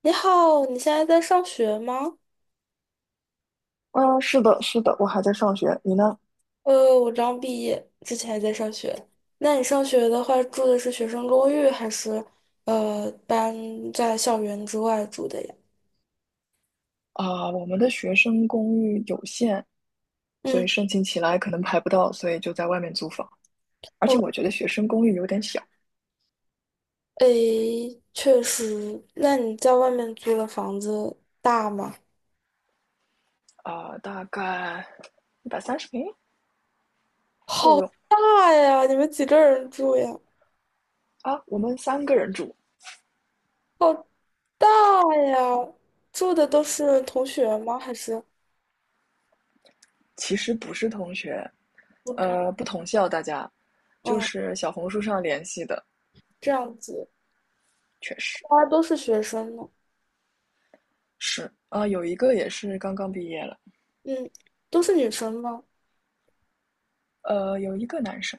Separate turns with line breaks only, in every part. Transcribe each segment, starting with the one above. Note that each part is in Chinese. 你好，你现在在上学吗？
嗯，是的，是的，我还在上学，你呢？
我刚毕业，之前还在上学。那你上学的话，住的是学生公寓，还是呃搬在校园之外住的呀？
啊，我们的学生公寓有限，所以
嗯，
申请起来可能排不到，所以就在外面租房。而且
我
我觉得学生公寓有点小
诶，确实。那你在外面租的房子大吗？
啊，大概130平够
好
用
大呀！你们几个人住呀？
啊。我们三个人住，
好大呀！住的都是同学吗？还是
其实不是同学，
不知？
不同校，大家就
嗯，
是小红书上联系的，
这样子，
确实
大家都是学生呢。
是啊，有一个也是刚刚毕业了，
嗯，都是女生吗？
有一个男生，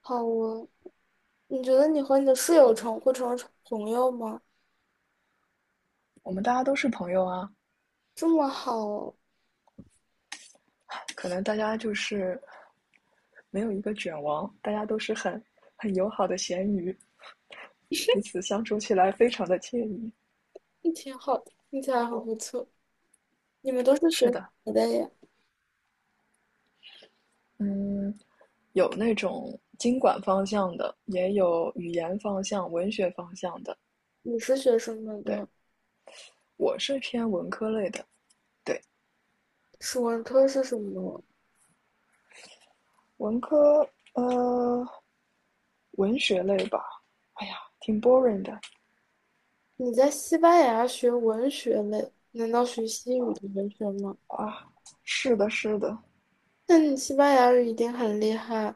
好啊，你觉得你和你的室友成会成为朋友吗？
我们大家都是朋友啊，
这么好，
可能大家就是没有一个卷王，大家都是很友好的咸鱼，彼此相处起来非常的惬意。
也挺好的，听起来很不错。你们都是学
是
什
的，
么的呀？
嗯，有那种经管方向的，也有语言方向、文学方向的。
你是学什么
对，
的？
我是偏文科类的。对，
史文科是什么？
文科，呃，文学类吧。哎呀，挺 boring 的
你在西班牙学文学类，难道学西语的文学吗？
啊。是的，是的，
那你西班牙语一定很厉害。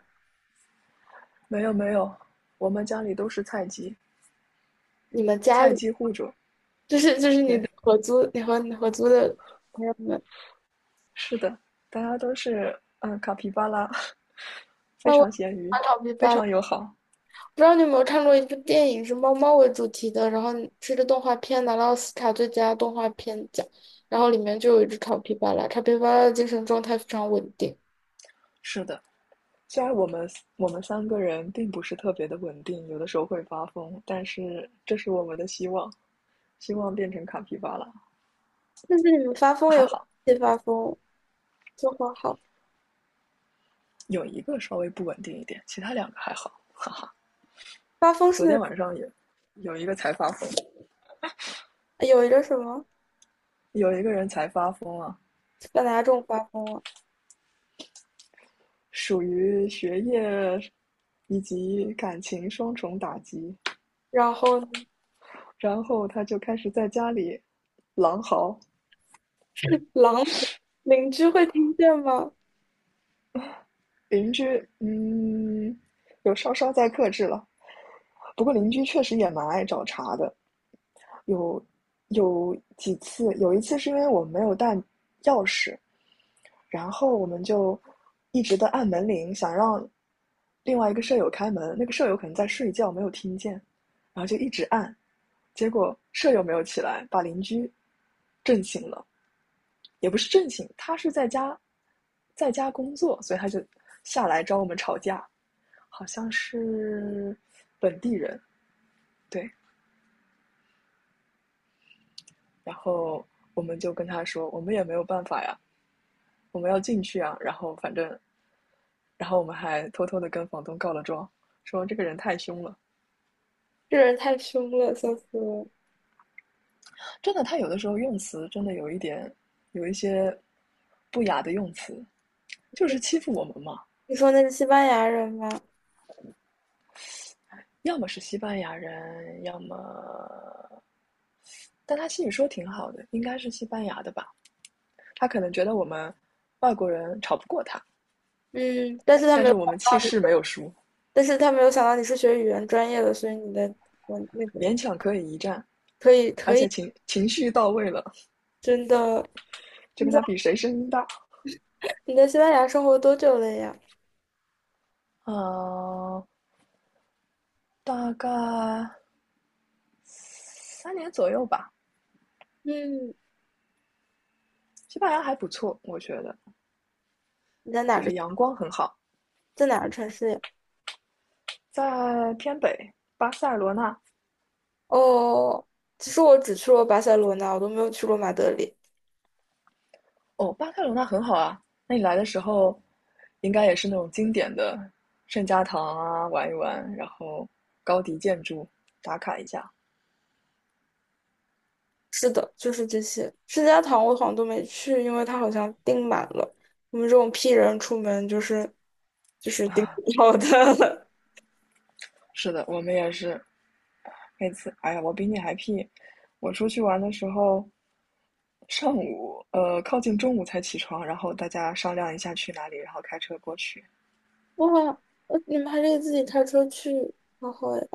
没有没有，我们家里都是菜鸡，
你们家
菜
里
鸡户主。
就是你
对，
的合租，你和你合租的朋友们，
是的，大家都是嗯，卡皮巴拉，非
那我
常咸鱼，
马考必
非
败了。
常友好。
不知道你有没有看过一部电影是猫猫为主题的，然后是个动画片拿了奥斯卡最佳动画片奖，然后里面就有一只卡皮巴拉，卡皮巴拉的精神状态非常稳定，
是的，虽然我们三个人并不是特别的稳定，有的时候会发疯，但是这是我们的希望，希望变成卡皮巴拉。
但是你们发疯
还
也
好
会发疯，就很好。
有一个稍微不稳定一点，其他两个还好，哈哈。
发疯
昨天
是
晚上也有一个才发疯，
有一个什么
有一个人才发疯啊，
把哪种发疯啊？
属于学业以及感情双重打击。
然后呢
然后他就开始在家里狼嚎，
是狼邻居会听见吗？
邻居嗯有稍稍在克制了，不过邻居确实也蛮爱找茬的，有有几次，有一次是因为我们没有带钥匙，然后我们就一直的按门铃，想让另外一个舍友开门，那个舍友可能在睡觉没有听见，然后就一直按，结果舍友没有起来，把邻居震醒了。也不是正经，他是在家工作，所以他就下来找我们吵架，好像是本地人，对，然后我们就跟他说，我们也没有办法呀，我们要进去啊，然后反正，然后我们还偷偷的跟房东告了状，说这个人太凶了，
这人太凶了，笑死我
真的，他有的时候用词真的有一点有一些不雅的用词，就
了！
是欺负我们嘛，
你说那是西班牙人吗？
要么是西班牙人，要么。但他西语说挺好的，应该是西班牙的吧？他可能觉得我们外国人吵不过他，
嗯，但是他
但
没有，
是我们气势没有输，
但是他没有想到你是学语言专业的，所以你的我那个。
勉强可以一战，
可以，
而
可
且
以，
情绪到位了，
真的。
就
你
跟
在
他比谁声音大。
你在西班牙生活多久了呀？
呃，大概3年左右吧。
嗯，
西班牙还不错，我觉得
你在哪
就
个
是阳光很好，
在哪个城市呀？
在偏北巴塞罗那
哦，其实我只去过巴塞罗那，我都没有去过马德里。
哦，巴塞罗那很好啊。那你来的时候，应该也是那种经典的圣家堂啊，玩一玩，然后高迪建筑打卡一下。
是的，就是这些。圣家堂我好像都没去，因为它好像订满了。我们这种 P 人出门就是订不到的。
是的，我们也是那次。哎呀，我比你还屁！我出去玩的时候，上午靠近中午才起床，然后大家商量一下去哪里，然后开车过去。
哇，你们还可以自己开车去，好好呀。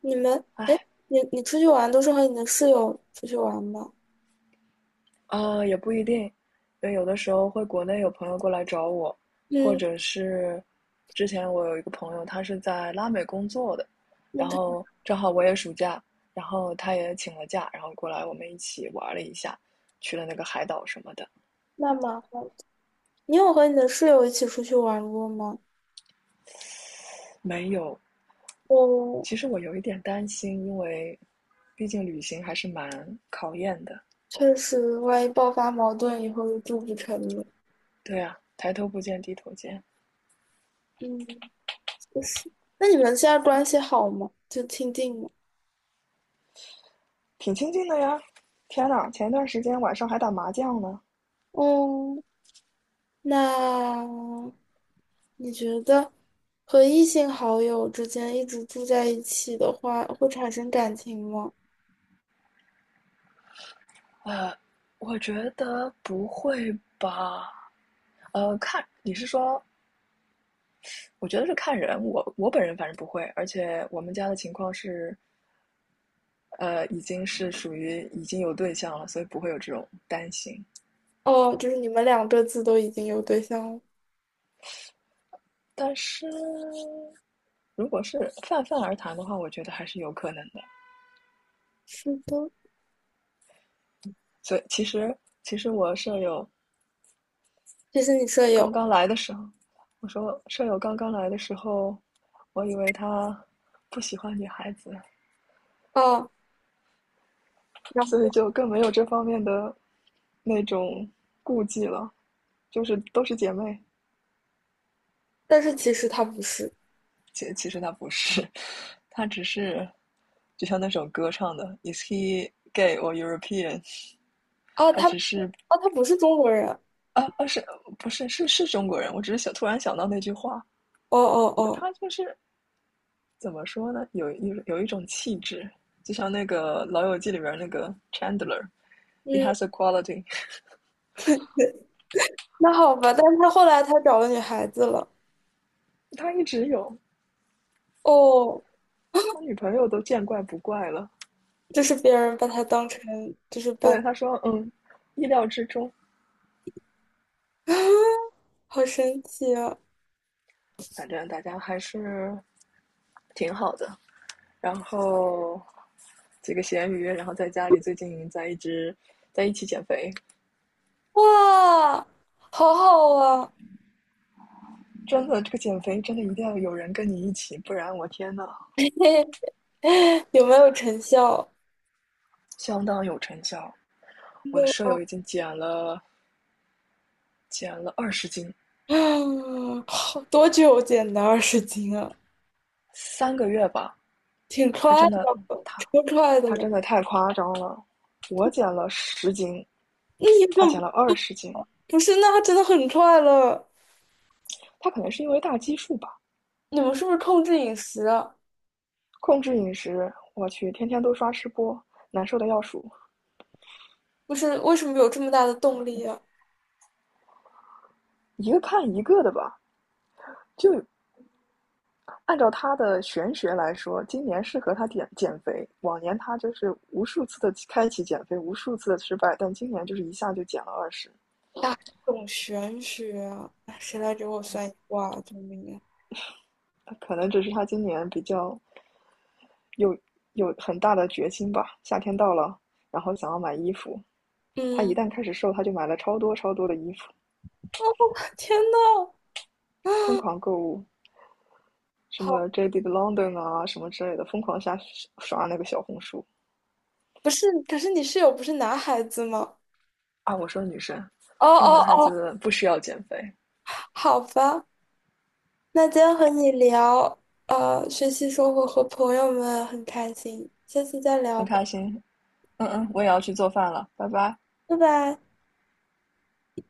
你们，哎，
哎，
你出去玩都是和你的室友出去玩吗？
啊，也不一定，因为有的时候会国内有朋友过来找我，或
嗯，
者是之前我有一个朋友，他是在拉美工作的，
你
然
可以
后正好我也暑假，然后他也请了假，然后过来我们一起玩了一下，去了那个海岛什么的。
那吗？你有和你的室友一起出去玩过吗？
没有，
我
其实我有一点担心，因为毕竟旅行还是蛮考验的。
确实，万一爆发矛盾以后就住不成了。
对啊，抬头不见低头见，
嗯，就是。那你们现在关系好吗？就亲近吗？
挺亲近的呀。天呐，前一段时间晚上还打麻将呢。
嗯，那你觉得和异性好友之间一直住在一起的话，会产生感情吗？
呃，我觉得不会吧？看你是说，我觉得是看人，我本人反正不会，而且我们家的情况是，已经是属于已经有对象了，所以不会有这种担心。
哦，就是你们两个自都已经有对象了。
但是如果是泛泛而谈的话，我觉得还是有可能的。
是的，
所以其实我舍友
这是你舍
刚
友。
刚来的时候，我说舍友刚刚来的时候，我以为他不喜欢女孩子，
啊。然
所以
后
就更没有这方面的那种顾忌了，就是都是姐妹。
但是其实他不是。
其实她不是，她只是就像那首歌唱的，Is he gay or European？
哦，
他
他哦，
只是
他不是中国人。
是不是是中国人？我只是想突然想到那句话，
哦哦哦，
他就是怎么说呢？有一种气质，就像那个《老友记》里边那个 Chandler，he
嗯，
has a quality，
那好吧，但是他后来他找了女孩子了。
他一直有，
哦，
他女朋友都见怪不怪了。
就是别人把他当成，就是把，
对，他说，嗯，意料之中，
好神奇啊！
反正大家还是挺好的。然后几个咸鱼，然后在家里最近在一直在一起减肥，
哇，好好啊！
真的，这个减肥真的一定要有人跟你一起，不然我天呐，
有没有成效？
相当有成效。我的
那
舍友
么，
已经减了二十斤，
嗯，好多久减的20斤啊？
3个月吧，
挺
他
快
真的
的，
他
超快的
他
了。
真的太夸张了。我减了十斤，
你怎
他
么
减了二十斤，
不是？那他真的很快了。
他可能是因为大基数吧。
你们是不是控制饮食啊？
控制饮食，我去，天天都刷吃播，难受的要数，
不是，为什么有这么大的动力啊？
一个看一个的吧。就按照他的玄学来说，今年适合他减减肥。往年他就是无数次的开启减肥，无数次的失败，但今年就是一下就减了二十。
大众玄学啊，哎谁来给我算一卦？救命啊！
可能只是他今年比较有有很大的决心吧。夏天到了，然后想要买衣服，他
嗯
一旦开始瘦，他就买了超多超多的衣服，
天呐，
疯狂购物。什
好，
么 JD 的 London 啊，什么之类的，疯狂下刷那个小红书
不是，可是你室友不是男孩子吗？
啊。我说女生，
哦
那个男
哦
孩
哦
子不需要减肥，
好吧，那今天和你聊，学习生活和朋友们很开心，下次再聊
很
吧，
开心。嗯嗯，我也要去做饭了，拜拜。
拜拜。